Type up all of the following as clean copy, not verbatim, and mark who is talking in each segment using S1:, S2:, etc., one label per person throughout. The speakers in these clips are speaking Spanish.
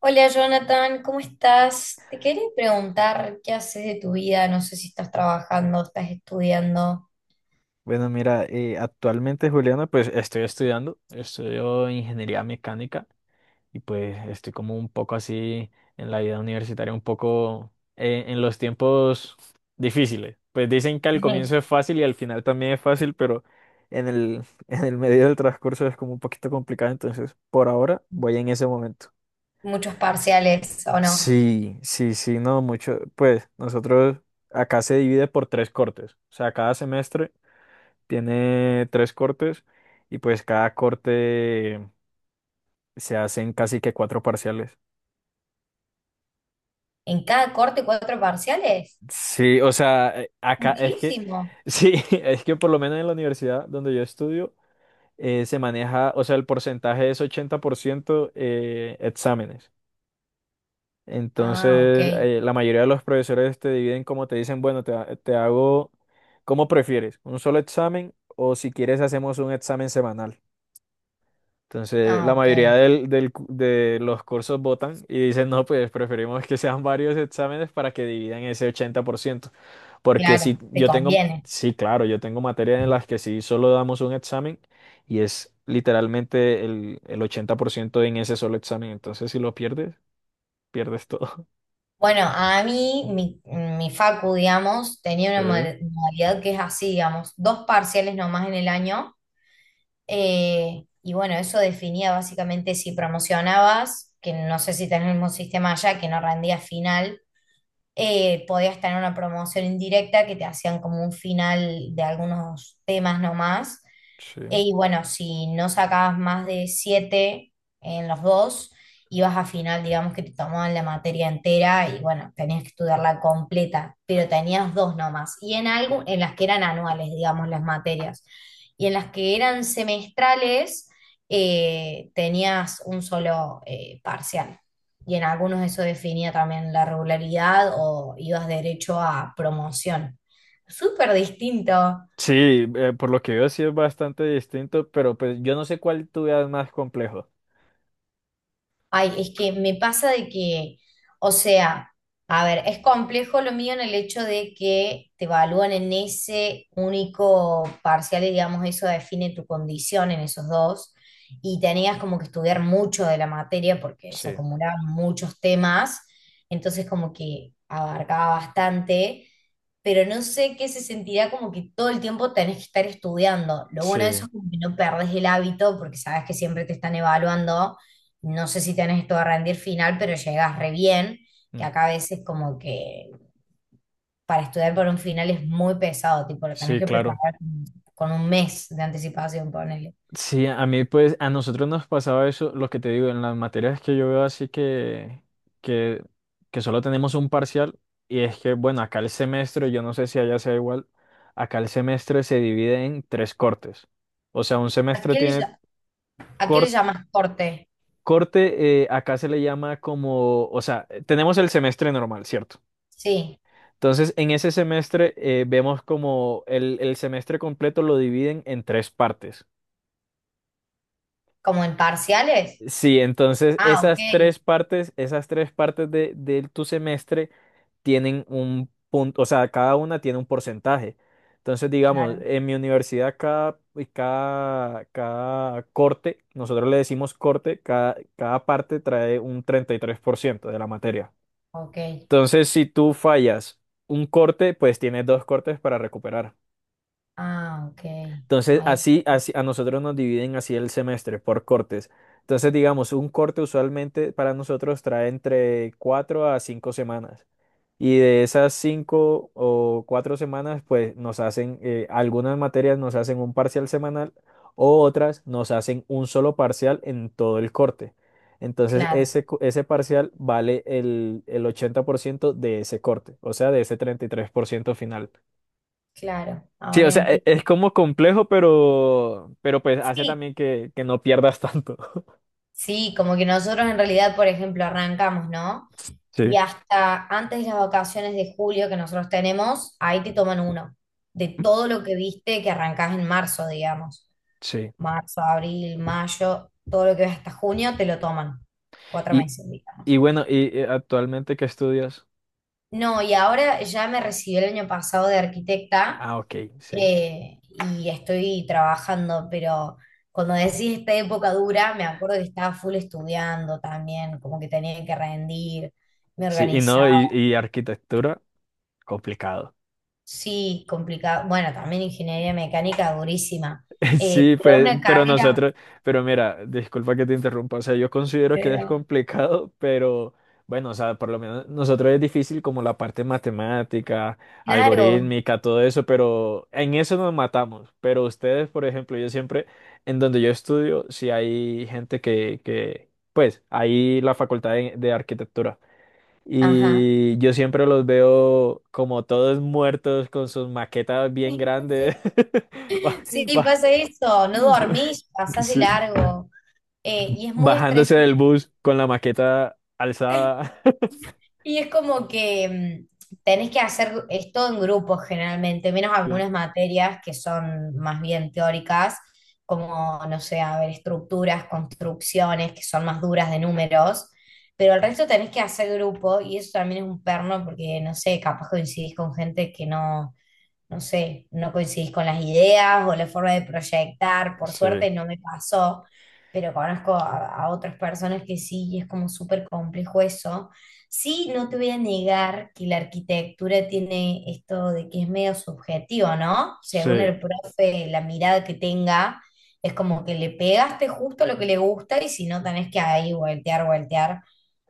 S1: Hola Jonathan, ¿cómo estás? Te quería preguntar qué haces de tu vida, no sé si estás trabajando, estás estudiando,
S2: Bueno, mira, actualmente, Juliana, pues estoy estudiando, estudio ingeniería mecánica y pues estoy como un poco así en la vida universitaria, un poco en los tiempos difíciles. Pues dicen que al comienzo es fácil y al final también es fácil, pero en en el medio del transcurso es como un poquito complicado, entonces por ahora voy en ese momento.
S1: ¿muchos parciales o no?
S2: Sí, sí, sí, no, mucho. Pues nosotros acá se divide por tres cortes, o sea, cada semestre. Tiene tres cortes y pues cada corte se hacen casi que cuatro parciales.
S1: ¿En cada corte cuatro parciales?
S2: Sí, o sea, acá es que,
S1: Muchísimo.
S2: sí, es que por lo menos en la universidad donde yo estudio se maneja, o sea, el porcentaje es 80% exámenes.
S1: Ah,
S2: Entonces,
S1: ok,
S2: la mayoría de los profesores te dividen como te dicen, bueno, te hago como prefieres, un solo examen o si quieres hacemos un examen semanal. Entonces,
S1: ah,
S2: la
S1: ok,
S2: mayoría de los cursos votan y dicen, no, pues preferimos que sean varios exámenes para que dividan ese 80%. Porque si
S1: claro, te
S2: yo tengo,
S1: conviene.
S2: sí, claro, yo tengo materias en las que sí solo damos un examen y es literalmente el 80% en ese solo examen. Entonces, si lo pierdes, pierdes todo.
S1: Bueno, mi facu, digamos, tenía
S2: Sí,
S1: una modalidad que es así, digamos, dos parciales nomás en el año. Y bueno, eso definía básicamente si promocionabas, que no sé si tenés el mismo sistema allá, que no rendías final, podías tener una promoción indirecta que te hacían como un final de algunos temas nomás.
S2: sí.
S1: Y bueno, si no sacabas más de 7 en los dos, ibas a final, digamos que te tomaban la materia entera y bueno, tenías que estudiarla completa, pero tenías dos nomás. Y en algo, en las que eran anuales, digamos, las materias. Y en las que eran semestrales, tenías un solo parcial. Y en algunos eso definía también la regularidad o ibas derecho a promoción. Súper distinto.
S2: Sí, por lo que veo sí es bastante distinto, pero pues yo no sé cuál tú veas más complejo.
S1: Ay, es que me pasa de que, o sea, a ver, es complejo lo mío en el hecho de que te evalúan en ese único parcial y digamos eso define tu condición en esos dos y tenías como que estudiar mucho de la materia porque se
S2: Sí,
S1: acumulaban muchos temas, entonces como que abarcaba bastante, pero no sé qué se sentirá como que todo el tiempo tenés que estar estudiando. Lo bueno de eso
S2: sí,
S1: es como que no perdés el hábito porque sabes que siempre te están evaluando, no sé si tenés todo a rendir final, pero llegás re bien, que
S2: mm,
S1: acá a veces como que para estudiar por un final es muy pesado, tipo, lo tenés
S2: sí,
S1: que
S2: claro.
S1: preparar con un mes de anticipación, ponele.
S2: Sí, a mí pues, a nosotros nos pasaba eso, lo que te digo, en las materias que yo veo así que, que solo tenemos un parcial y es que, bueno, acá el semestre, yo no sé si allá sea igual, acá el semestre se divide en tres cortes. O sea, un
S1: ¿A
S2: semestre
S1: qué le,
S2: tiene
S1: a qué le
S2: cor-
S1: llamas corte?
S2: corte, acá se le llama como, o sea, tenemos el semestre normal, ¿cierto?
S1: Sí,
S2: Entonces, en ese semestre vemos como el semestre completo lo dividen en tres partes.
S1: como en parciales.
S2: Sí, entonces
S1: Ah, ok,
S2: esas tres partes de tu semestre tienen un punto, o sea, cada una tiene un porcentaje. Entonces, digamos,
S1: claro,
S2: en mi universidad cada corte, nosotros le decimos corte, cada parte trae un 33% de la materia.
S1: ok.
S2: Entonces, si tú fallas un corte, pues tienes dos cortes para recuperar.
S1: Ah, ok.
S2: Entonces,
S1: Ahí-
S2: así, así a nosotros nos dividen así el semestre por cortes. Entonces, digamos, un corte usualmente para nosotros trae entre cuatro a cinco semanas. Y de esas cinco o cuatro semanas, pues nos hacen, algunas materias nos hacen un parcial semanal o otras nos hacen un solo parcial en todo el corte. Entonces,
S1: claro,
S2: ese parcial vale el 80% de ese corte, o sea, de ese 33% final.
S1: claro,
S2: Sí,
S1: ahora
S2: o sea,
S1: entiendo.
S2: es como complejo, pero pues hace
S1: Sí,
S2: también que no pierdas tanto.
S1: sí, como que nosotros en realidad, por ejemplo, arrancamos, ¿no? Y
S2: Sí,
S1: hasta antes de las vacaciones de julio que nosotros tenemos, ahí te toman uno, de todo lo que viste que arrancás en marzo, digamos.
S2: sí.
S1: Marzo, abril, mayo, todo lo que ves hasta junio, te lo toman. Cuatro
S2: Y,
S1: meses,
S2: y
S1: digamos.
S2: bueno, y actualmente ¿qué estudias?
S1: No, y ahora ya me recibí el año pasado de arquitecta,
S2: Ah, ok, sí.
S1: eh, y estoy trabajando, pero cuando decís esta época dura, me acuerdo que estaba full estudiando también, como que tenía que rendir, me
S2: Sí, y
S1: organizaba.
S2: no, y arquitectura, complicado.
S1: Sí, complicado. Bueno, también ingeniería mecánica durísima,
S2: Sí,
S1: pero
S2: pues,
S1: una
S2: pero
S1: carrera,
S2: nosotros, pero mira, disculpa que te interrumpa, o sea, yo considero que es
S1: pero-
S2: complicado, pero bueno, o sea, por lo menos nosotros es difícil como la parte matemática,
S1: claro,
S2: algorítmica, todo eso, pero en eso nos matamos. Pero ustedes, por ejemplo, yo siempre, en donde yo estudio, si hay gente pues, hay la facultad de arquitectura.
S1: ajá.
S2: Y yo siempre los veo como todos muertos con sus maquetas bien grandes. ba-
S1: Sí, pasa eso, no dormís, pasás de
S2: Sí.
S1: largo. Y es muy
S2: Bajándose del
S1: estresante.
S2: bus con la maqueta alzada.
S1: Y es como que tenés que hacer esto en grupos generalmente, menos
S2: Sí,
S1: algunas materias que son más bien teóricas, como, no sé, a ver, estructuras, construcciones, que son más duras de números, pero el resto tenés que hacer grupo y eso también es un perno porque, no sé, capaz coincidís con gente que no, no sé, no coincidís con las ideas o la forma de proyectar, por
S2: sí,
S1: suerte no me pasó, pero conozco a otras personas que sí y es como súper complejo eso. Sí, no te voy a negar que la arquitectura tiene esto de que es medio subjetivo, ¿no?
S2: sí,
S1: Según el profe, la mirada que tenga, es como que le pegaste justo lo que le gusta y si no, tenés que ahí voltear, voltear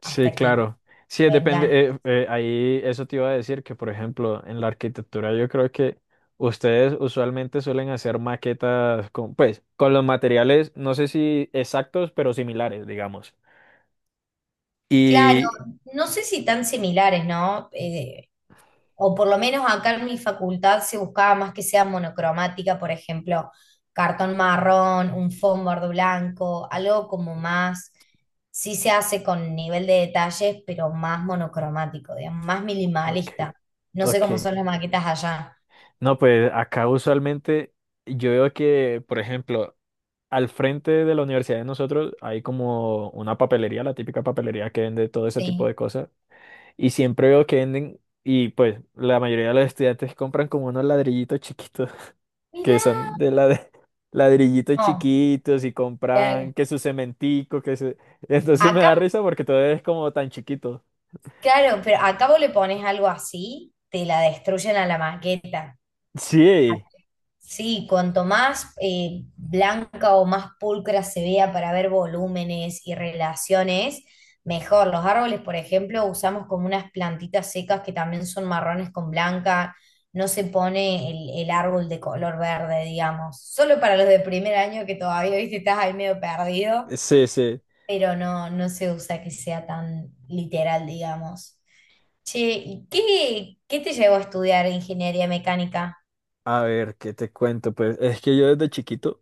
S2: sí,
S1: hasta que
S2: claro. Sí, depende.
S1: vengan.
S2: Ahí eso te iba a decir que, por ejemplo, en la arquitectura yo creo que ustedes usualmente suelen hacer maquetas con, pues, con los materiales, no sé si exactos, pero similares, digamos.
S1: Claro,
S2: Y,
S1: no sé si tan similares, ¿no? O por lo menos acá en mi facultad se buscaba más que sea monocromática, por ejemplo, cartón marrón, un fondo blanco, algo como más, sí se hace con nivel de detalles, pero más monocromático, digamos, más
S2: ok,
S1: minimalista. No sé cómo
S2: ok.
S1: son las maquetas allá.
S2: No, pues acá usualmente yo veo que, por ejemplo, al frente de la universidad de nosotros hay como una papelería, la típica papelería que vende todo ese tipo de
S1: Sí.
S2: cosas. Y siempre veo que venden, y pues la mayoría de los estudiantes compran como unos ladrillitos chiquitos, que
S1: Mirá.
S2: son de la de ladrillitos
S1: No,
S2: chiquitos y compran
S1: claro.
S2: que su cementico, que su... Entonces me
S1: Acá,
S2: da risa porque todo es como tan chiquito.
S1: claro, pero acá vos le pones algo así, te la destruyen a la maqueta.
S2: Sí,
S1: Sí, cuanto más blanca o más pulcra se vea para ver volúmenes y relaciones, mejor. Los árboles, por ejemplo, usamos como unas plantitas secas que también son marrones con blanca. No se pone el árbol de color verde, digamos. Solo para los de primer año que todavía, viste, estás ahí medio perdido,
S2: sí, sí.
S1: pero no, no se usa que sea tan literal, digamos. Che, ¿y qué, qué te llevó a estudiar ingeniería mecánica?
S2: A ver, ¿qué te cuento? Pues es que yo desde chiquito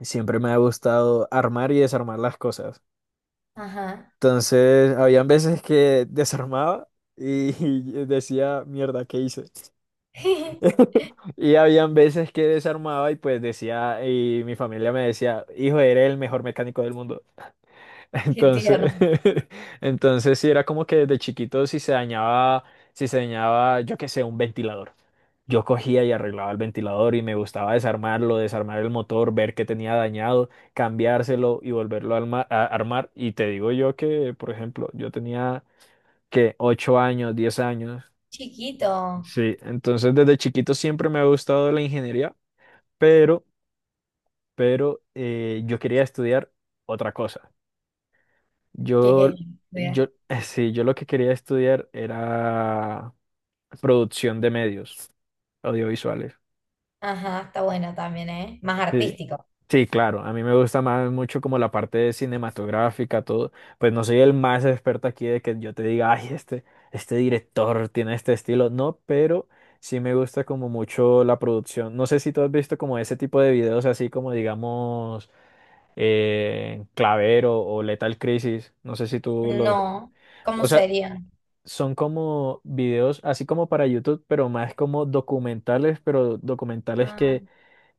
S2: siempre me ha gustado armar y desarmar las cosas.
S1: Ajá.
S2: Entonces, habían veces que desarmaba y, decía, mierda, ¿qué hice? Y habían veces que desarmaba y pues decía, y mi familia me decía, hijo, eres el mejor mecánico del mundo.
S1: Qué tierno.
S2: Entonces, entonces sí era como que desde chiquito si se dañaba, yo qué sé, un ventilador. Yo cogía y arreglaba el ventilador y me gustaba desarmarlo, desarmar el motor, ver qué tenía dañado, cambiárselo y volverlo a armar. Y te digo yo que, por ejemplo, yo tenía que 8 años, 10 años.
S1: Chiquito.
S2: Sí, entonces desde chiquito siempre me ha gustado la ingeniería, pero, pero yo quería estudiar otra cosa.
S1: ¿Qué
S2: Yo,
S1: quería estudiar?
S2: sí, yo lo que quería estudiar era producción de medios audiovisuales.
S1: Ajá, está bueno también, ¿eh? Más
S2: Sí,
S1: artístico.
S2: sí, claro. A mí me gusta más mucho como la parte cinematográfica, todo. Pues no soy el más experto aquí de que yo te diga, ay, este director tiene este estilo. No, pero sí me gusta como mucho la producción. No sé si tú has visto como ese tipo de videos así como digamos Clavero o Lethal Crisis. No sé si tú los...
S1: No. ¿Cómo
S2: O sea,
S1: sería?
S2: son como videos así como para YouTube, pero más como documentales, pero documentales
S1: Ah,
S2: que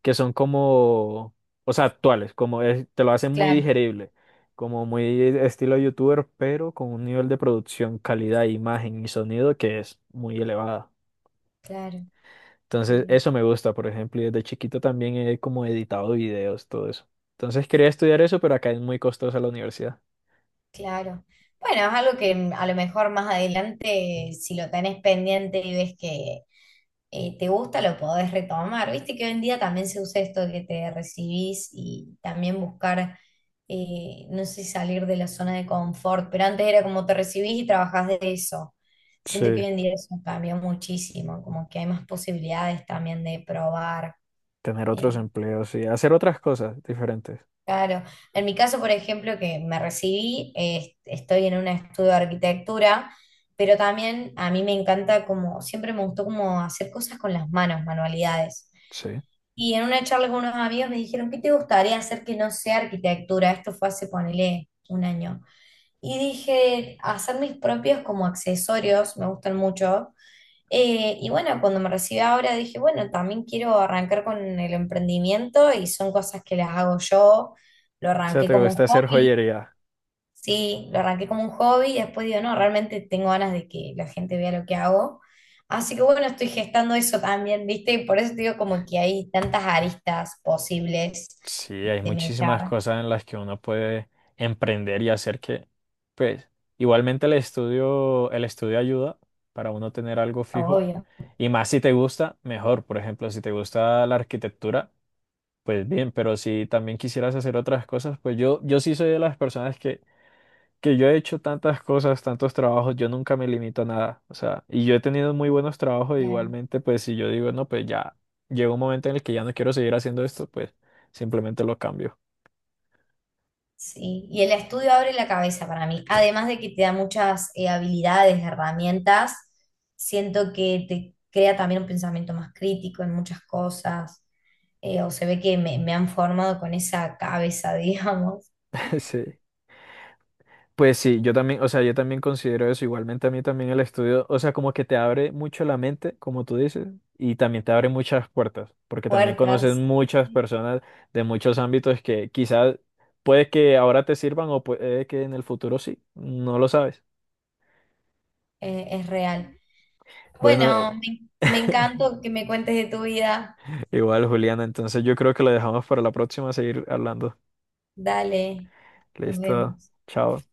S2: que son como, o sea, actuales, como te lo hacen muy
S1: claro,
S2: digerible, como muy estilo youtuber, pero con un nivel de producción, calidad, imagen y sonido que es muy elevada.
S1: claro.
S2: Entonces, eso me gusta, por ejemplo, y desde chiquito también he como editado videos, todo eso. Entonces, quería estudiar eso, pero acá es muy costosa la universidad.
S1: Claro. Bueno, es algo que a lo mejor más adelante, si lo tenés pendiente y ves que te gusta, lo podés retomar. Viste que hoy en día también se usa esto de que te recibís y también buscar, no sé, salir de la zona de confort, pero antes era como te recibís y trabajás de eso.
S2: Sí,
S1: Siento que hoy en día eso cambió muchísimo, como que hay más posibilidades también de probar.
S2: tener otros
S1: eh,
S2: empleos y hacer otras cosas diferentes.
S1: Claro, en mi caso, por ejemplo, que me recibí, estoy en un estudio de arquitectura, pero también a mí me encanta como, siempre me gustó como hacer cosas con las manos, manualidades.
S2: Sí.
S1: Y en una charla con unos amigos me dijeron, ¿qué te gustaría hacer que no sea arquitectura? Esto fue hace, ponele, un año. Y dije, hacer mis propios como accesorios, me gustan mucho, y bueno, cuando me recibí ahora dije, bueno, también quiero arrancar con el emprendimiento y son cosas que las hago yo. Lo
S2: O sea,
S1: arranqué
S2: te
S1: como
S2: gusta
S1: un
S2: hacer
S1: hobby,
S2: joyería.
S1: sí, lo arranqué como un hobby y después digo, no, realmente tengo ganas de que la gente vea lo que hago. Así que bueno, estoy gestando eso también, ¿viste? Y por eso te digo como que hay tantas aristas posibles
S2: Sí, hay
S1: de
S2: muchísimas
S1: mechar,
S2: cosas en las que uno puede emprender y hacer que, pues, igualmente el estudio ayuda para uno tener algo fijo.
S1: obvio.
S2: Y más si te gusta, mejor. Por ejemplo, si te gusta la arquitectura, pues bien, pero si también quisieras hacer otras cosas, pues yo sí soy de las personas que yo he hecho tantas cosas, tantos trabajos, yo nunca me limito a nada. O sea, y yo he tenido muy buenos trabajos igualmente, pues si yo digo, no, pues ya llega un momento en el que ya no quiero seguir haciendo esto, pues simplemente lo cambio.
S1: Sí, y el estudio abre la cabeza para mí. Además de que te da muchas habilidades, herramientas, siento que te crea también un pensamiento más crítico en muchas cosas. O se ve que me han formado con esa cabeza, digamos.
S2: Sí. Pues sí, yo también, o sea, yo también considero eso. Igualmente a mí también el estudio, o sea, como que te abre mucho la mente, como tú dices, y también te abre muchas puertas, porque también conoces
S1: Puertas,
S2: muchas personas de muchos ámbitos que quizás puede que ahora te sirvan o puede que en el futuro sí, no lo sabes.
S1: es real.
S2: Bueno,
S1: Bueno, me encantó que me cuentes de tu vida.
S2: igual Juliana, entonces yo creo que lo dejamos para la próxima, seguir hablando.
S1: Dale, nos
S2: Listo,
S1: vemos.
S2: chao.